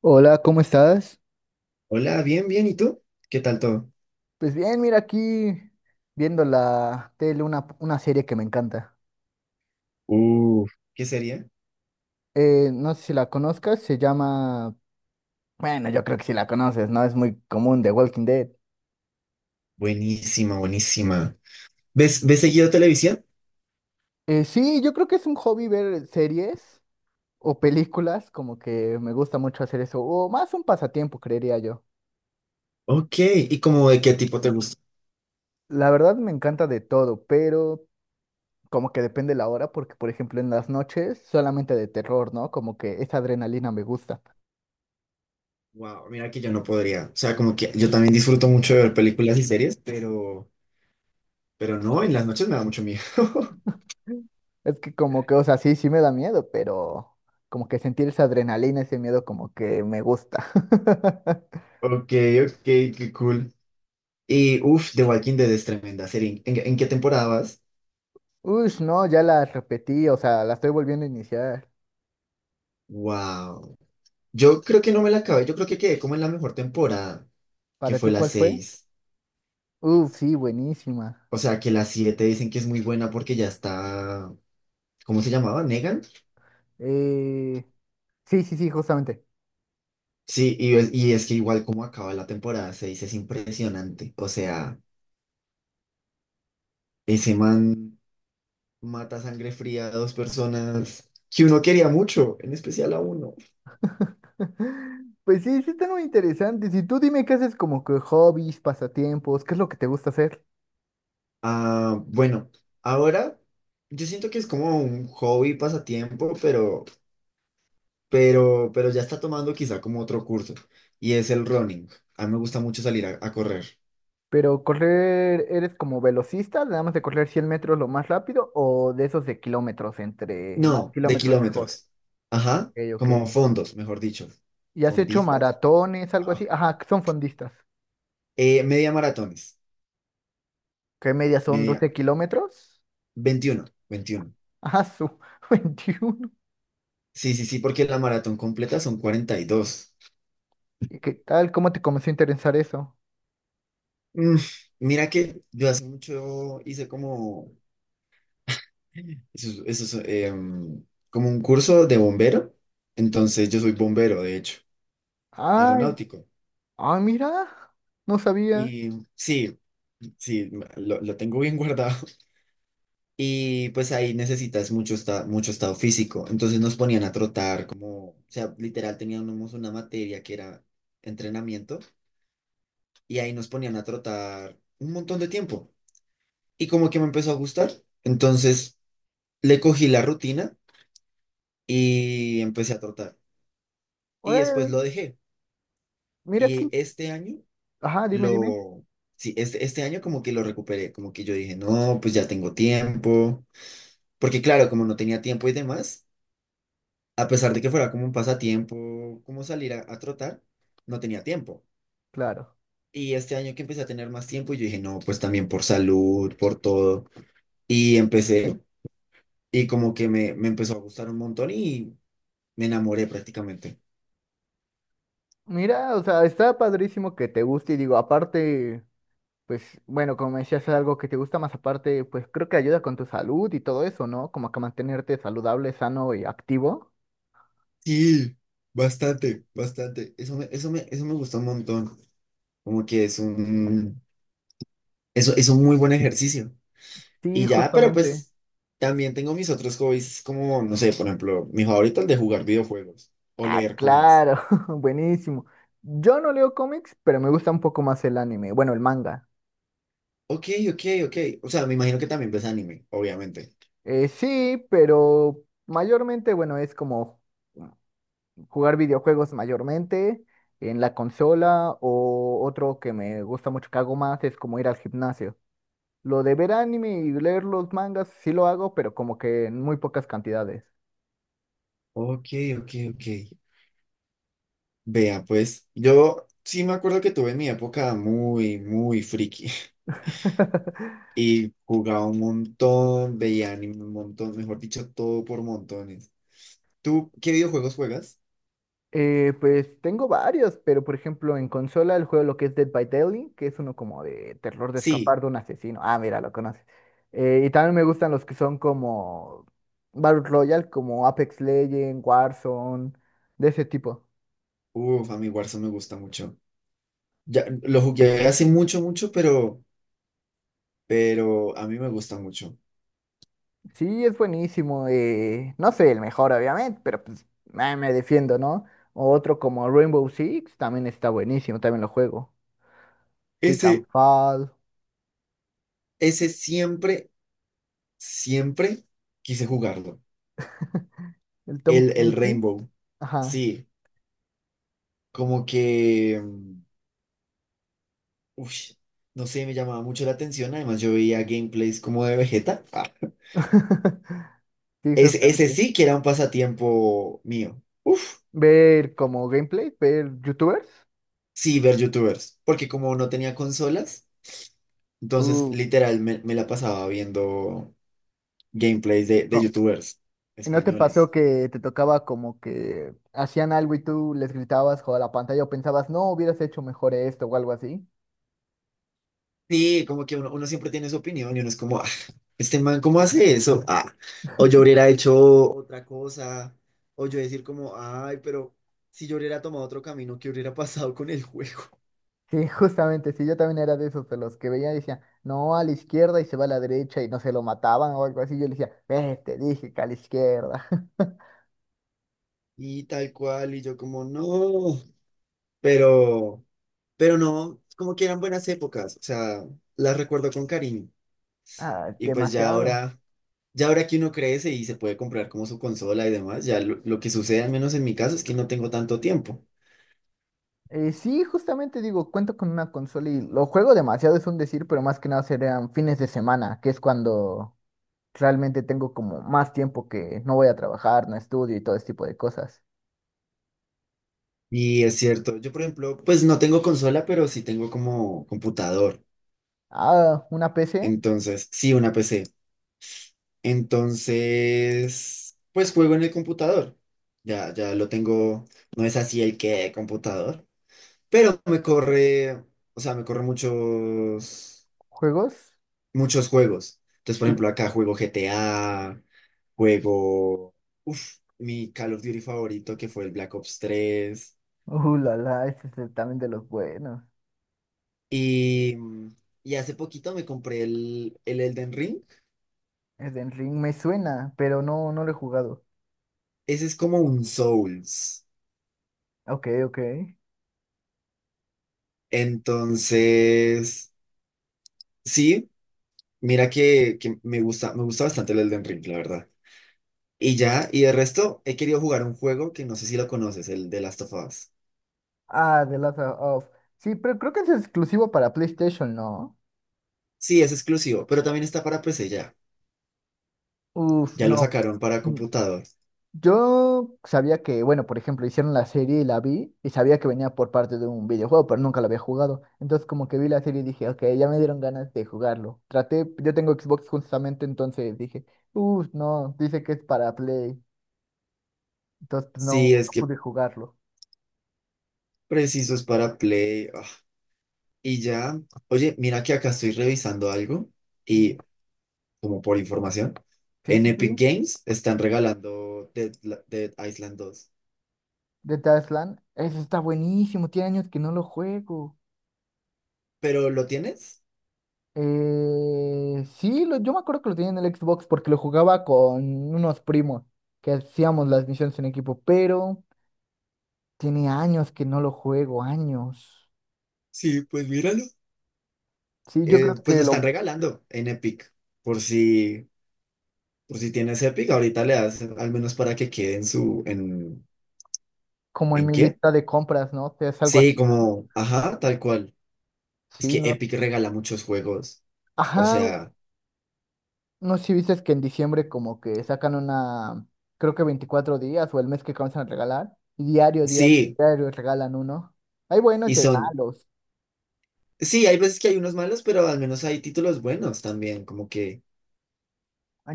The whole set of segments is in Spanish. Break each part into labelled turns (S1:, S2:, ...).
S1: Hola, ¿cómo estás?
S2: Hola, bien, bien. ¿Y tú? ¿Qué tal todo?
S1: Pues bien, mira aquí viendo la tele una serie que me encanta.
S2: Uf, ¿qué sería?
S1: No sé si la conozcas, se llama... Bueno, yo creo que sí la conoces, ¿no? Es muy común, The Walking Dead.
S2: Buenísima, buenísima. ¿Ves seguido televisión?
S1: Sí, yo creo que es un hobby ver series o películas, como que me gusta mucho hacer eso, o más un pasatiempo, creería yo.
S2: Ok, ¿y como de qué tipo te gusta?
S1: La verdad me encanta de todo, pero como que depende la hora, porque por ejemplo en las noches solamente de terror, ¿no? Como que esa adrenalina me gusta.
S2: Wow, mira que yo no podría. O sea, como que yo también disfruto mucho de ver películas y series, pero no, en las noches me da mucho miedo.
S1: Es que como que, o sea, sí me da miedo, pero como que sentir esa adrenalina, ese miedo como que me gusta.
S2: Ok, ok, qué cool. Y uff, The Walking Dead es tremenda serie. ¿En qué temporada vas?
S1: Ush, no, ya la repetí, o sea, la estoy volviendo a iniciar.
S2: Wow. Yo creo que no me la acabé, yo creo que quedé como en la mejor temporada, que
S1: ¿Para
S2: fue
S1: ti
S2: la
S1: cuál fue?
S2: 6.
S1: Uf, sí, buenísima.
S2: O sea, que la 7 dicen que es muy buena porque ya está, ¿cómo se llamaba? ¿Negan?
S1: Eh, sí, sí, sí, justamente.
S2: Sí, y es que igual como acaba la temporada 6 es impresionante. O sea, ese man mata a sangre fría a dos personas que uno quería mucho, en especial a uno.
S1: Pues sí, sí están muy interesantes. Y tú dime qué haces como que hobbies, pasatiempos, qué es lo que te gusta hacer.
S2: Ah, bueno, ahora yo siento que es como un hobby, pasatiempo, pero ya está tomando quizá como otro curso y es el running. A mí me gusta mucho salir a correr.
S1: Pero correr, ¿eres como velocista? ¿Nada más de correr 100 metros lo más rápido o de esos de kilómetros? Entre más
S2: No, de
S1: kilómetros mejor.
S2: kilómetros. Ajá,
S1: Ok, ok.
S2: como fondos, mejor dicho.
S1: ¿Y has hecho
S2: ¿Fondistas?
S1: maratones, algo
S2: Ah.
S1: así? Ajá, son fondistas.
S2: Media maratones.
S1: ¿Qué media son
S2: Media,
S1: 12 kilómetros?
S2: 21, 21.
S1: Ajá, su 21.
S2: Sí, sí, sí, porque la maratón completa son 42.
S1: ¿Y qué tal? ¿Cómo te comenzó a interesar eso?
S2: Mm, mira que yo hace mucho hice como, eso, eso es, como un curso de bombero. Entonces yo soy bombero, de hecho,
S1: Ay,
S2: aeronáutico.
S1: ay, mira, no sabía.
S2: Y sí, sí, lo tengo bien guardado. Y pues ahí necesitas mucho, mucho estado físico. Entonces nos ponían a trotar, como, o sea, literal teníamos una materia que era entrenamiento y ahí nos ponían a trotar un montón de tiempo. Y como que me empezó a gustar. Entonces le cogí la rutina y empecé a trotar. Y después
S1: Órale,
S2: lo dejé.
S1: mira
S2: Y
S1: aquí.
S2: este año
S1: Ajá, dime, dime.
S2: lo, sí, este año como que lo recuperé, como que yo dije, no, pues ya tengo tiempo. Porque claro, como no tenía tiempo y demás, a pesar de que fuera como un pasatiempo, como salir a trotar, no tenía tiempo.
S1: Claro.
S2: Y este año que empecé a tener más tiempo, yo dije, no, pues también por salud, por todo. Y empecé, y como que me empezó a gustar un montón y me enamoré prácticamente.
S1: Mira, o sea, está padrísimo que te guste y digo, aparte. Pues bueno, como me decías, es algo que te gusta más aparte, pues creo que ayuda con tu salud y todo eso, ¿no? Como que mantenerte saludable, sano y activo.
S2: Sí, bastante, bastante. Eso me gustó un montón. Como que es un, eso, es un muy buen ejercicio. Y
S1: Sí,
S2: ya, pero
S1: justamente.
S2: pues también tengo mis otros hobbies, como, no sé, por ejemplo, mi favorito el de jugar videojuegos o
S1: Ah,
S2: leer cómics.
S1: claro, buenísimo. Yo no leo cómics, pero me gusta un poco más el anime, bueno, el manga.
S2: Ok, ok, ok. O sea, me imagino que también ves anime, obviamente.
S1: Sí, pero mayormente, bueno, es como jugar videojuegos mayormente en la consola o otro que me gusta mucho que hago más es como ir al gimnasio. Lo de ver anime y leer los mangas sí lo hago, pero como que en muy pocas cantidades.
S2: Ok, ok, ok. Vea, pues yo sí me acuerdo que tuve mi época muy friki y jugaba un montón, veía anime un montón, mejor dicho, todo por montones. ¿Tú qué videojuegos juegas?
S1: Pues tengo varios, pero por ejemplo en consola el juego lo que es Dead by Daylight, que es uno como de terror de
S2: Sí,
S1: escapar de un asesino. Ah, mira, lo conoces. Y también me gustan los que son como Battle Royale, como Apex Legends, Warzone, de ese tipo.
S2: uff, a mí Warzone me gusta mucho. Ya lo jugué hace mucho, mucho, pero a mí me gusta mucho.
S1: Sí, es buenísimo. No soy el mejor, obviamente, pero pues me defiendo, ¿no? O otro como Rainbow Six también está buenísimo, también lo juego.
S2: Ese,
S1: Titanfall,
S2: ese siempre quise jugarlo.
S1: el Tom
S2: El
S1: Clancy.
S2: Rainbow.
S1: Ajá.
S2: Sí, como que mm, ush, no sé, me llamaba mucho la atención. Además, yo veía gameplays como de Vegeta. Ah,
S1: Sí,
S2: ese
S1: justamente.
S2: sí que era un pasatiempo mío. Uf,
S1: Ver como gameplay, ver youtubers.
S2: sí, ver YouTubers. Porque como no tenía consolas, entonces
S1: Uh,
S2: literal me la pasaba viendo gameplays de
S1: no.
S2: YouTubers
S1: ¿Y no te pasó
S2: españoles.
S1: que te tocaba como que hacían algo y tú les gritabas o a la pantalla o pensabas, no, hubieras hecho mejor esto o algo así?
S2: Sí, como que uno siempre tiene su opinión y uno es como, "Ah, este man, ¿cómo hace eso? Ah, o yo hubiera hecho otra cosa, o yo decir como, ay, pero si yo hubiera tomado otro camino, ¿qué hubiera pasado con el juego?"
S1: Sí, justamente, sí, yo también era de esos, de los que veía y decía, no, a la izquierda y se va a la derecha y no se lo mataban o algo así. Yo le decía, ve, te dije que a la izquierda.
S2: Y tal cual, y yo como, no, pero, pero no, como que eran buenas épocas, o sea, las recuerdo con cariño.
S1: Ah,
S2: Y pues ya
S1: demasiado.
S2: ahora, ya ahora que uno crece y se puede comprar como su consola y demás, ya lo que sucede, al menos en mi caso, es que no tengo tanto tiempo.
S1: Sí, justamente digo, cuento con una consola y lo juego demasiado, es un decir, pero más que nada serían fines de semana, que es cuando realmente tengo como más tiempo que no voy a trabajar, no estudio y todo ese tipo de cosas.
S2: Y es cierto, yo por ejemplo, pues no tengo consola, pero sí tengo como computador.
S1: Ah, una PC,
S2: Entonces, sí, una PC. Entonces, pues juego en el computador. Ya lo tengo, no es así el que computador, pero me corre, o sea, me corre
S1: juegos.
S2: muchos juegos. Entonces, por
S1: Sí.
S2: ejemplo, acá juego GTA, juego, uff, mi Call of Duty favorito que fue el Black Ops tres.
S1: La la, ese es también de los buenos.
S2: Y, mm, y hace poquito me compré el Elden Ring.
S1: Es de Ring, me suena, pero no, no lo he jugado.
S2: Ese es como un Souls.
S1: Ok, ok.
S2: Entonces, sí, mira que me gusta bastante el Elden Ring, la verdad. Y ya, y de resto, he querido jugar un juego que no sé si lo conoces, el de Last of Us.
S1: Ah, The Last of Us. Sí, pero creo que es exclusivo para PlayStation, ¿no?
S2: Sí, es exclusivo, pero también está para PC ya.
S1: Uf,
S2: Ya lo
S1: no.
S2: sacaron para computador.
S1: Yo sabía que, bueno, por ejemplo, hicieron la serie y la vi y sabía que venía por parte de un videojuego, pero nunca lo había jugado. Entonces como que vi la serie y dije, ok, ya me dieron ganas de jugarlo. Traté, yo tengo Xbox justamente, entonces dije, uff, no, dice que es para Play. Entonces no,
S2: Sí, es
S1: no
S2: que
S1: pude jugarlo.
S2: preciso es para Play. Ah. Y ya, oye, mira que acá estoy revisando algo. Y
S1: Yo,
S2: como por información,
S1: sí,
S2: en
S1: sí, sí.
S2: Epic Games están regalando Dead Island dos.
S1: The Tasland, eso está buenísimo, tiene años que no lo juego.
S2: ¿Pero lo tienes?
S1: Sí, yo me acuerdo que lo tenía en el Xbox porque lo jugaba con unos primos que hacíamos las misiones en equipo, pero... Tiene años que no lo juego, años.
S2: Sí, pues míralo.
S1: Sí, yo creo
S2: Pues
S1: que
S2: lo están
S1: lo,
S2: regalando en Epic. Por si, por si tienes Epic, ahorita le das al menos para que quede en su,
S1: como en
S2: ¿en
S1: mi
S2: qué?
S1: lista de compras, ¿no? Es algo
S2: Sí,
S1: así, ¿no?
S2: como, ajá, tal cual. Es
S1: Sí,
S2: que
S1: no.
S2: Epic regala muchos juegos. O
S1: Ajá,
S2: sea,
S1: no sé si viste que en diciembre como que sacan una, creo que 24 días o el mes que comienzan a regalar. Y diario, diario,
S2: sí,
S1: diario regalan uno. Hay
S2: y
S1: buenos y hay
S2: son,
S1: malos.
S2: sí, hay veces que hay unos malos, pero al menos hay títulos buenos también, como que...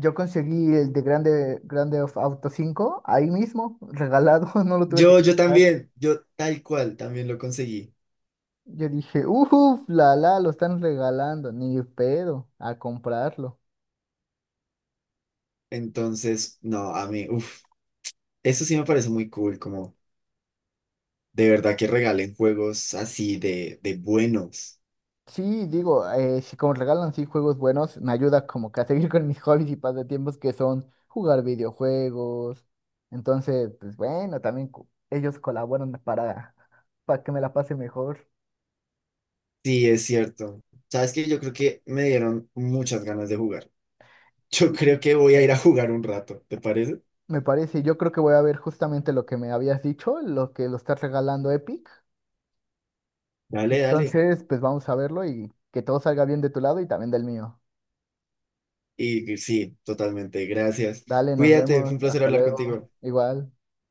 S1: Yo conseguí el de Grande, Grande of Auto 5 ahí mismo, regalado, no lo tuve que
S2: Yo
S1: comprar.
S2: también, yo tal cual también lo conseguí.
S1: Yo dije, uff, la la, lo están regalando, ni pedo, a comprarlo.
S2: Entonces, no, a mí, uff, eso sí me parece muy cool, como de verdad que regalen juegos así de buenos.
S1: Sí, digo, si como regalan sí juegos buenos, me ayuda como que a seguir con mis hobbies y pasatiempos que son jugar videojuegos. Entonces, pues bueno, también ellos colaboran para que me la pase mejor.
S2: Sí, es cierto. Sabes que yo creo que me dieron muchas ganas de jugar. Yo
S1: Ujú.
S2: creo que voy a ir a jugar un rato, ¿te parece?
S1: Me parece, yo creo que voy a ver justamente lo que me habías dicho, lo que lo está regalando Epic.
S2: Dale, dale.
S1: Entonces, pues vamos a verlo y que todo salga bien de tu lado y también del mío.
S2: Y sí, totalmente, gracias.
S1: Dale, nos
S2: Cuídate, fue
S1: vemos,
S2: un placer
S1: hasta
S2: hablar
S1: luego,
S2: contigo.
S1: igual.